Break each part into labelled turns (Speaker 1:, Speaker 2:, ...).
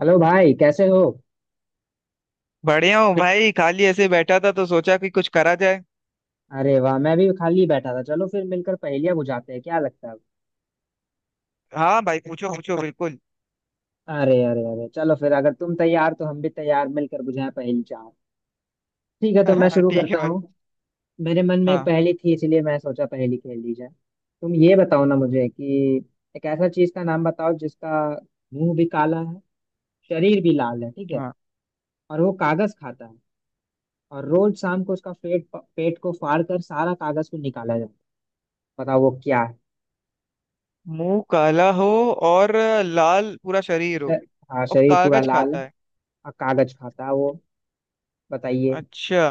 Speaker 1: Hello भाई, कैसे हो।
Speaker 2: बढ़िया हूँ। भाई खाली ऐसे बैठा था तो सोचा कि कुछ करा जाए।
Speaker 1: अरे वाह, मैं भी खाली बैठा था। चलो फिर मिलकर पहेलियां बुझाते हैं, क्या लगता है।
Speaker 2: हाँ भाई, पूछो पूछो बिल्कुल।
Speaker 1: अरे अरे अरे, चलो फिर। अगर तुम तैयार तो हम भी तैयार। मिलकर बुझाएं पहेली चार। ठीक है, तो मैं
Speaker 2: हाँ
Speaker 1: शुरू
Speaker 2: ठीक है
Speaker 1: करता हूँ।
Speaker 2: भाई।
Speaker 1: मेरे मन में एक
Speaker 2: हाँ,
Speaker 1: पहेली थी, इसलिए मैं सोचा पहेली खेल ली जाए। तुम ये बताओ ना मुझे कि एक ऐसा चीज का नाम बताओ जिसका मुंह भी काला है, शरीर भी लाल है, ठीक है।
Speaker 2: हाँ।
Speaker 1: और वो कागज खाता है, और रोज शाम को उसका पेट पेट को फाड़ कर सारा कागज को निकाला जाता है। बताओ वो क्या है।
Speaker 2: मुंह काला हो और लाल पूरा शरीर हो
Speaker 1: श- हाँ,
Speaker 2: और
Speaker 1: शरीर पूरा
Speaker 2: कागज
Speaker 1: लाल
Speaker 2: खाता
Speaker 1: है।
Speaker 2: है।
Speaker 1: कागज खाता है वो। बताइए।
Speaker 2: अच्छा,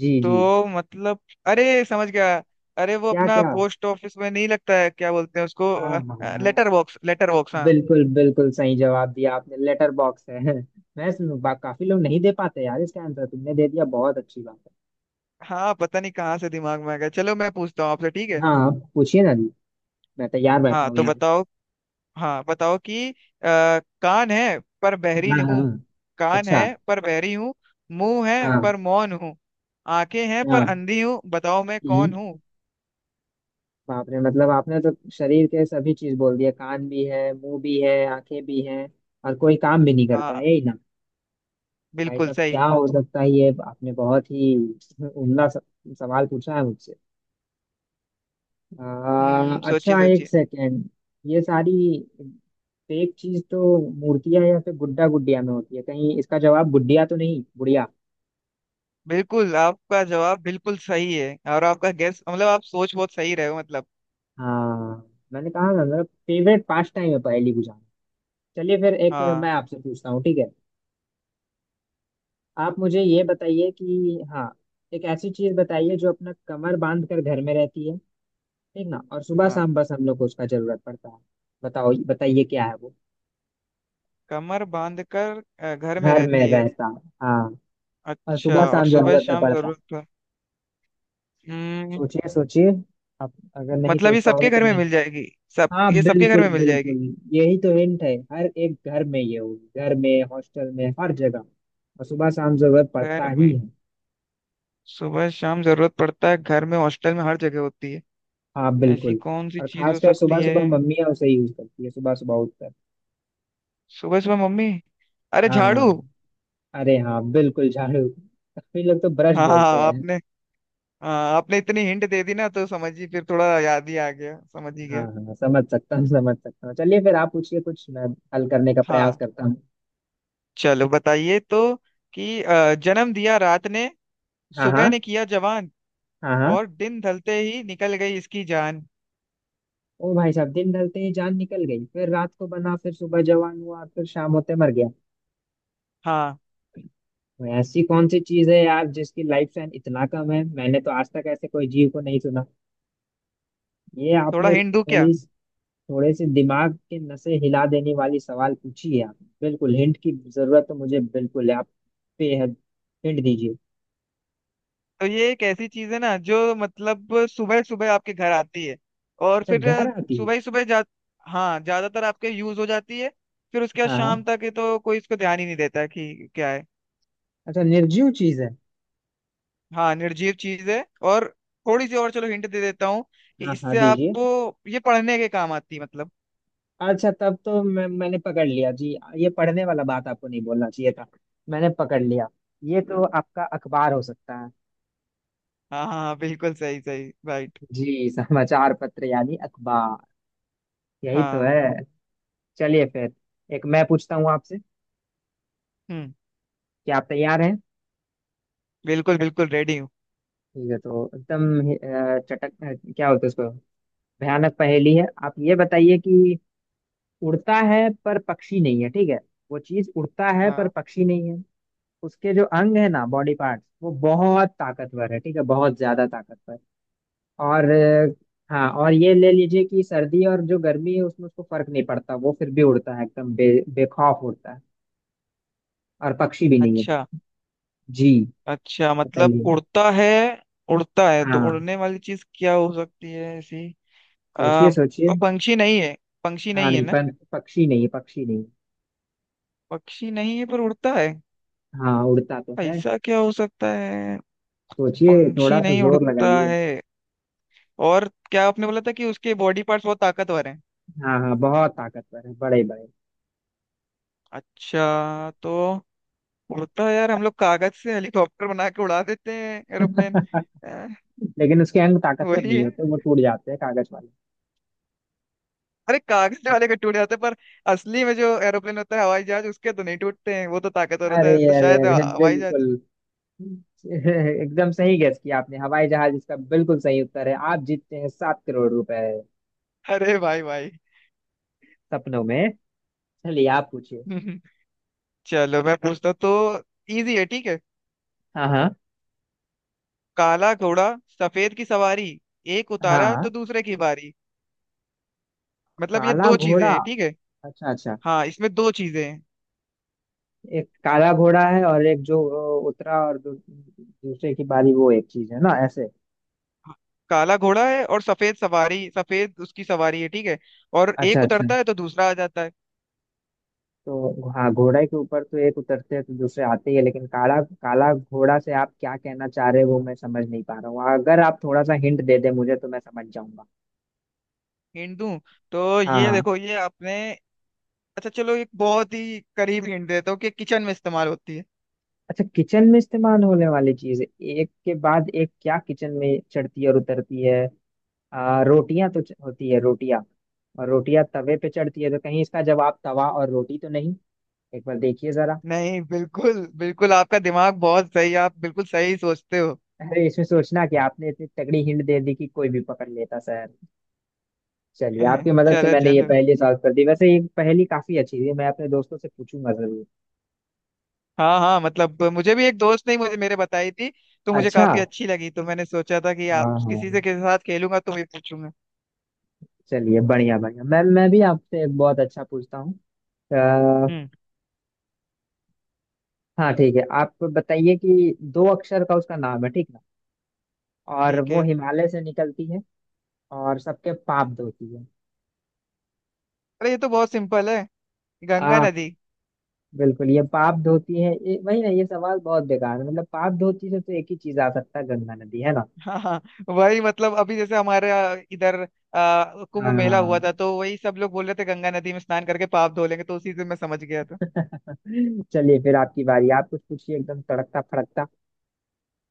Speaker 1: जी जी।
Speaker 2: तो मतलब, अरे समझ गया। अरे वो
Speaker 1: क्या
Speaker 2: अपना
Speaker 1: क्या।
Speaker 2: पोस्ट ऑफिस में नहीं लगता है, क्या बोलते हैं उसको,
Speaker 1: हाँ हाँ।
Speaker 2: Letter box. लेटर बॉक्स, हाँ।
Speaker 1: बिल्कुल बिल्कुल सही जवाब दिया आपने, लेटर बॉक्स है। मैं काफी लोग नहीं दे पाते यार इसका आंसर, तुमने दे दिया, बहुत अच्छी बात
Speaker 2: हाँ पता नहीं कहाँ से दिमाग में आ गया। चलो मैं पूछता हूँ आपसे, ठीक
Speaker 1: है।
Speaker 2: है।
Speaker 1: हाँ आप पूछिए ना जी। मैं तैयार बैठा
Speaker 2: हाँ
Speaker 1: हूँ
Speaker 2: तो
Speaker 1: यहाँ।
Speaker 2: बताओ। हाँ बताओ कि कान है पर बहरी
Speaker 1: हाँ
Speaker 2: नहीं
Speaker 1: हाँ।
Speaker 2: हूँ। कान है
Speaker 1: अच्छा।
Speaker 2: पर बहरी हूँ। मुंह है
Speaker 1: हाँ।
Speaker 2: पर मौन हूँ। आंखें हैं पर
Speaker 1: हाँ।
Speaker 2: अंधी हूँ, बताओ मैं कौन
Speaker 1: हम्म।
Speaker 2: हूँ।
Speaker 1: बाप रे, मतलब आपने तो शरीर के सभी चीज बोल दिए। कान भी है, मुंह भी है, आंखें भी हैं। और कोई काम भी नहीं करता
Speaker 2: हाँ,
Speaker 1: है, यही ना। भाई
Speaker 2: बिल्कुल
Speaker 1: साहब
Speaker 2: सही।
Speaker 1: क्या हो सकता है ये, आपने बहुत ही उम्दा सवाल पूछा है मुझसे।
Speaker 2: हम्म, सोचिए
Speaker 1: अच्छा, एक
Speaker 2: सोचिए
Speaker 1: सेकेंड। ये सारी फेक चीज तो मूर्तियां या फिर गुड्डा गुडिया में होती है, कहीं इसका जवाब गुडिया तो नहीं, गुड़िया।
Speaker 2: बिल्कुल आपका जवाब बिल्कुल सही है, और आपका गैस मतलब आप सोच बहुत सही रहे हो मतलब।
Speaker 1: हाँ, मैंने कहा ना, मेरा फेवरेट पास्ट टाइम है पहेली बुझाना। चलिए फिर एक मैं
Speaker 2: हाँ।
Speaker 1: आपसे पूछता हूँ, ठीक है। आप मुझे ये बताइए कि हाँ, एक ऐसी चीज बताइए जो अपना कमर बांध कर घर में रहती है, ठीक ना। और सुबह
Speaker 2: हाँ
Speaker 1: शाम बस हम लोग को उसका जरूरत पड़ता है। बताओ बताइए क्या है वो।
Speaker 2: कमर बांध कर घर में
Speaker 1: घर में
Speaker 2: रहती है।
Speaker 1: रहता, हाँ। और
Speaker 2: अच्छा
Speaker 1: सुबह
Speaker 2: और
Speaker 1: शाम
Speaker 2: सुबह
Speaker 1: जरूरत है
Speaker 2: शाम
Speaker 1: पड़ता।
Speaker 2: जरूरत पर। हम्म।
Speaker 1: सोचिए सोचिए। आप अगर नहीं
Speaker 2: मतलब
Speaker 1: सोच
Speaker 2: ये
Speaker 1: पाओगे
Speaker 2: सबके
Speaker 1: तो
Speaker 2: घर में
Speaker 1: मैं।
Speaker 2: मिल जाएगी। सब।
Speaker 1: हाँ
Speaker 2: ये सबके घर
Speaker 1: बिल्कुल
Speaker 2: में मिल जाएगी।
Speaker 1: बिल्कुल, यही तो हिंट है। हर एक घर में ये होगी, घर में, हॉस्टल में, हर जगह। और सुबह शाम जरूरत
Speaker 2: घर
Speaker 1: पड़ता ही
Speaker 2: में
Speaker 1: है।
Speaker 2: सुबह शाम जरूरत पड़ता है, घर में, हॉस्टल में, हर जगह होती है।
Speaker 1: हाँ
Speaker 2: ऐसी
Speaker 1: बिल्कुल।
Speaker 2: कौन सी
Speaker 1: और
Speaker 2: चीज हो
Speaker 1: खासकर सुबह
Speaker 2: सकती है।
Speaker 1: सुबह मम्मियाँ उसे यूज करती है, सुबह सुबह उठकर।
Speaker 2: सुबह सुबह मम्मी, अरे झाड़ू।
Speaker 1: हाँ। अरे हाँ बिल्कुल, झाड़ू। काफी लोग तो ब्रश
Speaker 2: हाँ।
Speaker 1: बोलते हैं।
Speaker 2: आपने हाँ आपने इतनी हिंट दे दी ना तो समझ ही फिर थोड़ा याद ही आ गया, समझ ही
Speaker 1: हाँ
Speaker 2: गया।
Speaker 1: हाँ हाँ, समझ सकता हूँ समझ सकता हूँ। चलिए फिर आप पूछिए कुछ, मैं हल करने का प्रयास
Speaker 2: हाँ।
Speaker 1: करता हूँ।
Speaker 2: चलो बताइए तो कि जन्म दिया रात ने,
Speaker 1: हाँ
Speaker 2: सुबह
Speaker 1: हाँ।
Speaker 2: ने किया जवान,
Speaker 1: हाँ हाँ।
Speaker 2: और दिन ढलते ही निकल गई इसकी जान।
Speaker 1: ओ भाई साहब, दिन ढलते ही जान निकल गई, फिर रात को बना, फिर सुबह जवान हुआ, फिर शाम होते मर गया।
Speaker 2: हाँ
Speaker 1: तो ऐसी कौन सी चीज है यार जिसकी लाइफ स्पैन इतना कम है। मैंने तो आज तक ऐसे कोई जीव को नहीं सुना। ये
Speaker 2: थोड़ा
Speaker 1: आपने
Speaker 2: हिंट दूं क्या।
Speaker 1: थोड़ी थोड़े से दिमाग के नसें हिला देने वाली सवाल पूछी है आपने। बिल्कुल हिंट की जरूरत तो मुझे बिल्कुल है। आप बेहद हिंट दीजिए।
Speaker 2: तो ये एक ऐसी चीज है ना जो मतलब सुबह सुबह आपके घर आती है, और
Speaker 1: अच्छा,
Speaker 2: फिर
Speaker 1: घर आती है।
Speaker 2: सुबह ही सुबह जा हाँ ज्यादातर आपके यूज हो जाती है, फिर उसके बाद
Speaker 1: हाँ हाँ।
Speaker 2: शाम तक ये तो कोई इसको ध्यान ही नहीं देता कि क्या है।
Speaker 1: अच्छा, निर्जीव चीज है।
Speaker 2: हाँ निर्जीव चीज है। और थोड़ी सी और चलो हिंट दे देता हूँ कि
Speaker 1: हाँ हाँ
Speaker 2: इससे
Speaker 1: दीजिए।
Speaker 2: आपको ये पढ़ने के काम आती है मतलब।
Speaker 1: अच्छा तब तो मैंने पकड़ लिया जी। ये पढ़ने वाला बात आपको नहीं बोलना चाहिए था। मैंने पकड़ लिया। ये तो आपका अखबार हो सकता है।
Speaker 2: हाँ हाँ हाँ, बिल्कुल सही, सही राइट।
Speaker 1: जी, समाचार पत्र यानी अखबार, यही तो
Speaker 2: हाँ।
Speaker 1: है। चलिए फिर एक मैं पूछता हूँ आपसे।
Speaker 2: हम्म।
Speaker 1: क्या आप तैयार हैं।
Speaker 2: बिल्कुल बिल्कुल, रेडी हूँ।
Speaker 1: ठीक है, तो एकदम चटक, क्या बोलते हैं उसको, भयानक पहेली है। आप ये बताइए कि उड़ता है पर पक्षी नहीं है, ठीक है। वो चीज उड़ता है पर
Speaker 2: हाँ।
Speaker 1: पक्षी नहीं है। उसके जो अंग है ना, बॉडी पार्ट्स, वो बहुत ताकतवर है, ठीक है, बहुत ज्यादा ताकतवर। और हाँ, और ये ले लीजिए कि सर्दी और जो गर्मी है उसमें उसको फर्क नहीं पड़ता, वो फिर भी उड़ता है एकदम बेखौफ उड़ता है। और पक्षी भी नहीं है वो।
Speaker 2: अच्छा
Speaker 1: जी
Speaker 2: अच्छा, मतलब
Speaker 1: बताइए।
Speaker 2: उड़ता है। उड़ता है तो
Speaker 1: हाँ
Speaker 2: उड़ने वाली चीज क्या हो सकती है ऐसी। आ,
Speaker 1: सोचिए सोचिए।
Speaker 2: पंछी नहीं है, पंछी
Speaker 1: हाँ
Speaker 2: नहीं है
Speaker 1: नहीं,
Speaker 2: ना।
Speaker 1: पर पक्षी नहीं है, पक्षी नहीं है।
Speaker 2: पक्षी नहीं है पर उड़ता है,
Speaker 1: हाँ उड़ता तो है।
Speaker 2: ऐसा क्या हो सकता है।
Speaker 1: सोचिए, थोड़ा
Speaker 2: पंछी
Speaker 1: सा
Speaker 2: नहीं
Speaker 1: जोर
Speaker 2: उड़ता
Speaker 1: लगाइए।
Speaker 2: है, और क्या आपने बोला था कि उसके बॉडी पार्ट्स बहुत ताकतवर हैं।
Speaker 1: हाँ हाँ बहुत ताकतवर है, बड़े बड़े।
Speaker 2: अच्छा तो उड़ता है, यार हम लोग कागज से हेलीकॉप्टर बना के उड़ा देते हैं, एरोप्लेन। अ,
Speaker 1: लेकिन उसके अंग ताकतवर
Speaker 2: वही
Speaker 1: नहीं
Speaker 2: है।
Speaker 1: होते, वो टूट जाते हैं कागज वाले।
Speaker 2: अरे कागज वाले के टूट जाते हैं पर असली में जो एरोप्लेन होता है, हवाई जहाज, उसके तो नहीं टूटते हैं, वो तो ताकतवर होता
Speaker 1: अरे
Speaker 2: है, तो
Speaker 1: अरे
Speaker 2: शायद
Speaker 1: अरे
Speaker 2: हवाई जहाज।
Speaker 1: बिल्कुल। एकदम सही गेस किया आपने, हवाई जहाज इसका बिल्कुल सही उत्तर है। आप जीतते हैं 7 करोड़ रुपए,
Speaker 2: अरे भाई भाई।
Speaker 1: सपनों में। चलिए आप पूछिए।
Speaker 2: चलो मैं पूछता हूँ तो, इजी है ठीक है।
Speaker 1: हाँ हाँ
Speaker 2: काला घोड़ा, सफेद की सवारी, एक उतारा तो
Speaker 1: हाँ।
Speaker 2: दूसरे की बारी। मतलब ये
Speaker 1: काला
Speaker 2: दो चीजें
Speaker 1: घोड़ा।
Speaker 2: हैं ठीक है।
Speaker 1: अच्छा अच्छा।
Speaker 2: हाँ इसमें दो चीजें हैं।
Speaker 1: एक काला घोड़ा है, और एक जो उतरा और दूसरे की बारी, वो एक चीज है ना ऐसे।
Speaker 2: हाँ, काला घोड़ा है और सफेद सवारी, सफेद उसकी सवारी है ठीक है। और
Speaker 1: अच्छा
Speaker 2: एक
Speaker 1: अच्छा।
Speaker 2: उतरता है तो दूसरा आ जाता है।
Speaker 1: तो हाँ, घोड़े के ऊपर तो एक उतरते हैं तो दूसरे आते ही है। लेकिन काला काला घोड़ा से आप क्या कहना चाह रहे हो वो मैं समझ नहीं पा रहा हूँ, अगर आप थोड़ा सा हिंट दे दे मुझे तो मैं समझ।
Speaker 2: हिंट दूं तो ये
Speaker 1: हाँ।
Speaker 2: देखो ये आपने, अच्छा चलो एक बहुत ही करीब हिंट देता हूँ कि किचन में इस्तेमाल होती है।
Speaker 1: अच्छा, किचन में इस्तेमाल होने वाली चीज, एक के बाद एक क्या किचन में चढ़ती है और उतरती है। रोटियां तो होती है रोटियां। और रोटियां तवे पे चढ़ती है, तो कहीं इसका जवाब तवा और रोटी तो नहीं। एक बार देखिए जरा।
Speaker 2: नहीं बिल्कुल बिल्कुल, आपका दिमाग बहुत सही है, आप बिल्कुल सही सोचते हो।
Speaker 1: अरे इसमें सोचना, कि आपने इतनी तगड़ी हिंट दे दी कि कोई भी पकड़ लेता सर। चलिए, आपकी मदद से
Speaker 2: चलो
Speaker 1: मैंने ये
Speaker 2: चलो।
Speaker 1: पहेली सॉल्व कर दी। वैसे ये पहेली काफी अच्छी थी, मैं अपने दोस्तों से पूछूंगा जरूर।
Speaker 2: हाँ हाँ मतलब मुझे भी एक दोस्त ने मुझे मेरे बताई थी, तो मुझे
Speaker 1: अच्छा।
Speaker 2: काफी अच्छी लगी, तो मैंने सोचा था कि
Speaker 1: हाँ
Speaker 2: आप
Speaker 1: हाँ।
Speaker 2: किसी से किसी के साथ खेलूंगा तो मैं पूछूंगा।
Speaker 1: चलिए बढ़िया बढ़िया, मैं भी आपसे एक बहुत अच्छा पूछता हूँ।
Speaker 2: हम्म।
Speaker 1: हाँ ठीक है, आप बताइए कि 2 अक्षर का उसका नाम है, ठीक ना। और
Speaker 2: ठीक
Speaker 1: वो
Speaker 2: है।
Speaker 1: हिमालय से निकलती है, और सबके पाप धोती है।
Speaker 2: अरे ये तो बहुत सिंपल है,
Speaker 1: आ।
Speaker 2: गंगा नदी।
Speaker 1: बिल्कुल, ये पाप धोती है ये वही ना। ये सवाल बहुत बेकार है, मतलब पाप धोती से तो एक ही चीज आ सकता है, गंगा नदी, है ना।
Speaker 2: हाँ हाँ वही, मतलब अभी जैसे हमारे इधर कुंभ मेला हुआ
Speaker 1: हाँ।
Speaker 2: था तो वही सब लोग बोल रहे थे गंगा नदी में स्नान करके पाप धो लेंगे, तो उसी से मैं समझ गया था।
Speaker 1: चलिए फिर आपकी बारी, आप कुछ पूछिए एकदम तड़कता फड़कता।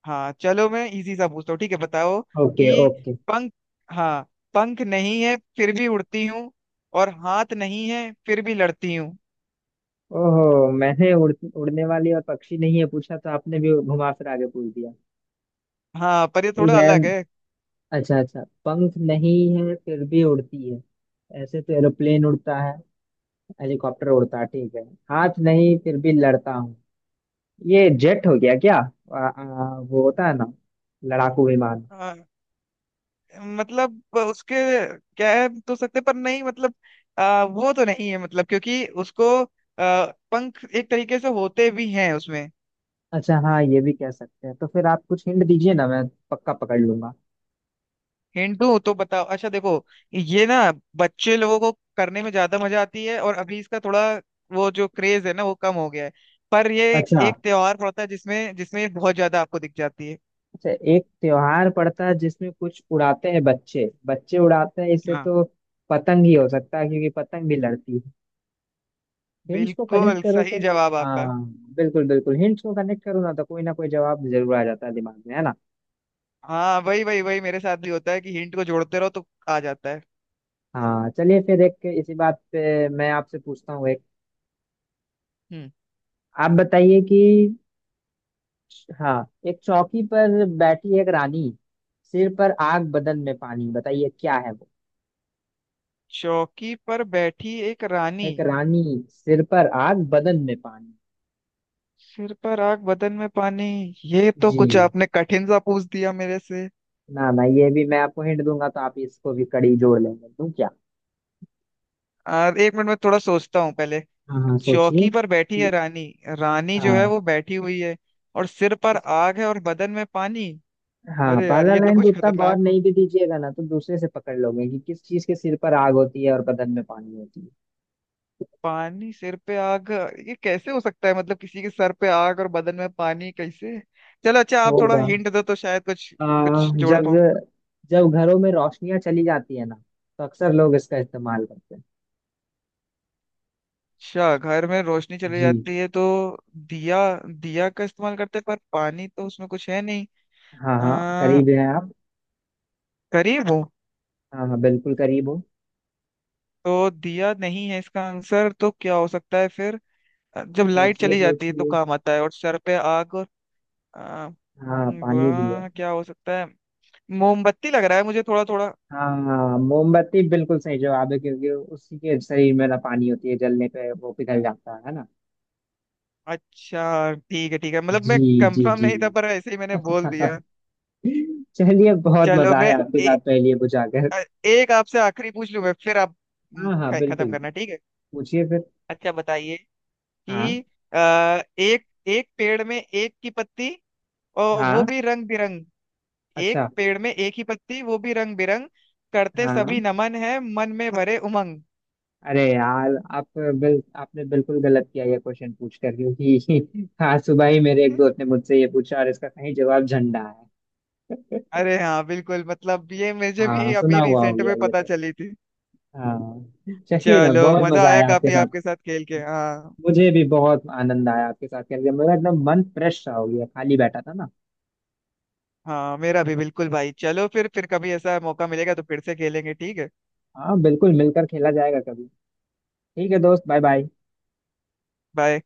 Speaker 2: हाँ चलो मैं इजी सा पूछता हूँ ठीक है बताओ
Speaker 1: ओके
Speaker 2: कि
Speaker 1: ओके।
Speaker 2: पंख, हाँ, पंख नहीं है फिर भी उड़ती हूँ, और हाथ नहीं है फिर भी लड़ती हूँ।
Speaker 1: ओहो, मैंने उड़ने वाली और पक्षी नहीं है पूछा, तो आपने भी घुमा फिरा के पूछ दिया।
Speaker 2: हाँ पर ये
Speaker 1: ठीक
Speaker 2: थोड़ा
Speaker 1: है।
Speaker 2: अलग है।
Speaker 1: अच्छा अच्छा, पंख नहीं है फिर भी उड़ती है। ऐसे तो एरोप्लेन उड़ता है, हेलीकॉप्टर उड़ता है, ठीक है। हाथ नहीं फिर भी लड़ता हूँ, ये जेट हो गया क्या। आ, आ, वो होता है ना, लड़ाकू विमान।
Speaker 2: आ, मतलब उसके कह तो सकते पर नहीं, मतलब वो तो नहीं है मतलब क्योंकि उसको आ, पंख एक तरीके से होते भी हैं उसमें।
Speaker 1: अच्छा हाँ, ये भी कह सकते हैं, तो फिर आप कुछ हिंट दीजिए ना, मैं पक्का पकड़ लूंगा।
Speaker 2: हिंट दूं तो बताओ, अच्छा देखो ये ना बच्चे लोगों को करने में ज्यादा मजा आती है, और अभी इसका थोड़ा वो जो क्रेज है ना वो कम हो गया है, पर ये एक,
Speaker 1: अच्छा
Speaker 2: एक त्योहार पड़ता है जिसमें, जिसमें ये बहुत ज्यादा आपको दिख जाती है।
Speaker 1: अच्छा, एक त्योहार पड़ता है जिसमें कुछ उड़ाते हैं, बच्चे बच्चे उड़ाते हैं, इससे
Speaker 2: हाँ
Speaker 1: तो पतंग ही हो सकता है क्योंकि पतंग भी लड़ती है। हिंट्स को कनेक्ट
Speaker 2: बिल्कुल
Speaker 1: करो तो।
Speaker 2: सही जवाब आपका।
Speaker 1: हाँ बिल्कुल बिल्कुल, हिंट्स को कनेक्ट करो ना तो कोई ना कोई जवाब जरूर आ जाता है दिमाग में, है ना।
Speaker 2: हाँ वही वही वही मेरे साथ भी होता है कि हिंट को जोड़ते रहो तो आ जाता है।
Speaker 1: हाँ चलिए फिर एक इसी बात पे मैं आपसे पूछता हूँ एक।
Speaker 2: हम्म।
Speaker 1: आप बताइए कि हाँ, एक चौकी पर बैठी एक रानी, सिर पर आग बदन में पानी, बताइए क्या है वो।
Speaker 2: चौकी पर बैठी एक रानी,
Speaker 1: एक रानी, सिर पर आग बदन में पानी।
Speaker 2: सिर पर आग बदन में पानी। ये तो
Speaker 1: जी।
Speaker 2: कुछ आपने कठिन सा पूछ दिया मेरे से।
Speaker 1: ना ना, ये भी मैं आपको हिंट दूंगा तो आप इसको भी कड़ी जोड़ लेंगे, दूं क्या।
Speaker 2: एक मिनट में थोड़ा सोचता हूँ पहले।
Speaker 1: हाँ हाँ सोचिए
Speaker 2: चौकी पर बैठी है रानी, रानी जो है
Speaker 1: हाँ
Speaker 2: वो बैठी हुई है, और सिर पर आग है और बदन में पानी।
Speaker 1: हाँ,
Speaker 2: अरे यार
Speaker 1: पहला
Speaker 2: ये तो
Speaker 1: लाइन को
Speaker 2: कुछ
Speaker 1: उतना गौर
Speaker 2: खतरनाक हो,
Speaker 1: नहीं भी दीजिएगा ना, तो दूसरे से पकड़ लोगे कि किस चीज के सिर पर आग होती है और बदन में पानी होती है।
Speaker 2: पानी सिर पे आग, ये कैसे हो सकता है, मतलब किसी के सर पे आग और बदन में पानी कैसे। चलो अच्छा आप थोड़ा
Speaker 1: होगा।
Speaker 2: हिंट दो तो शायद कुछ
Speaker 1: आ,
Speaker 2: कुछ जोड़।
Speaker 1: जब जब घरों में रोशनियां चली जाती है ना, तो अक्सर लोग इसका इस्तेमाल करते हैं।
Speaker 2: अच्छा घर में रोशनी चली
Speaker 1: जी।
Speaker 2: जाती है तो दिया, दिया का इस्तेमाल करते हैं पर पानी तो उसमें कुछ है नहीं।
Speaker 1: हाँ हाँ
Speaker 2: आ,
Speaker 1: करीब हैं आप।
Speaker 2: करीब हो।
Speaker 1: हाँ हाँ बिल्कुल करीब हो।
Speaker 2: तो दिया नहीं है इसका आंसर, तो क्या हो सकता है फिर। जब लाइट
Speaker 1: सोचिए
Speaker 2: चली जाती है तो
Speaker 1: सोचिए।
Speaker 2: काम आता है, और सर पे आग और आ,
Speaker 1: हाँ पानी भी है।
Speaker 2: वाह क्या हो सकता है। मोमबत्ती लग रहा है मुझे थोड़ा थोड़ा।
Speaker 1: हाँ मोमबत्ती बिल्कुल सही जवाब है, क्योंकि उसी के शरीर में ना पानी होती है, जलने पे वो पिघल जाता है ना।
Speaker 2: अच्छा ठीक है ठीक है, मतलब मैं
Speaker 1: जी। जी
Speaker 2: कंफर्म
Speaker 1: जी।
Speaker 2: नहीं था पर ऐसे ही मैंने बोल दिया।
Speaker 1: चलिए, बहुत
Speaker 2: चलो
Speaker 1: मजा
Speaker 2: मैं
Speaker 1: आया आपके साथ
Speaker 2: एक
Speaker 1: पहेलियां बुझाकर।
Speaker 2: अ, एक आपसे आखिरी पूछ लूं मैं, फिर आप,
Speaker 1: हाँ हाँ
Speaker 2: खत्म
Speaker 1: बिल्कुल,
Speaker 2: करना ठीक है।
Speaker 1: पूछिए फिर।
Speaker 2: अच्छा बताइए कि
Speaker 1: हाँ।
Speaker 2: आ, एक एक पेड़ में एक की पत्ती, और वो
Speaker 1: हाँ।
Speaker 2: भी रंग बिरंग। एक
Speaker 1: अच्छा।
Speaker 2: पेड़ में एक ही पत्ती, वो भी रंग बिरंग, करते
Speaker 1: हाँ।
Speaker 2: सभी नमन, है मन में भरे उमंग।
Speaker 1: अरे यार आप, बिल आपने बिल्कुल गलत किया ये क्वेश्चन पूछ कर, क्योंकि आज सुबह ही मेरे एक दोस्त ने मुझसे ये पूछा, और इसका सही जवाब झंडा है।
Speaker 2: अरे हाँ बिल्कुल, मतलब ये मुझे भी
Speaker 1: हाँ
Speaker 2: अभी
Speaker 1: सुना हुआ हो
Speaker 2: रिसेंट
Speaker 1: गया
Speaker 2: में
Speaker 1: ये
Speaker 2: पता
Speaker 1: तो।
Speaker 2: चली थी।
Speaker 1: हाँ चलिए ना,
Speaker 2: चलो
Speaker 1: बहुत
Speaker 2: मजा
Speaker 1: मजा
Speaker 2: आया
Speaker 1: आया आपके
Speaker 2: काफी
Speaker 1: साथ।
Speaker 2: आपके साथ खेल के, हाँ।
Speaker 1: मुझे भी बहुत आनंद आया आपके साथ खेल के, मेरा एकदम मन फ्रेश सा हो गया, खाली बैठा था ना।
Speaker 2: हाँ मेरा भी बिल्कुल भाई, चलो फिर कभी ऐसा मौका मिलेगा तो फिर से खेलेंगे ठीक है।
Speaker 1: हाँ बिल्कुल, मिलकर खेला जाएगा कभी। ठीक है दोस्त, बाय बाय।
Speaker 2: बाय।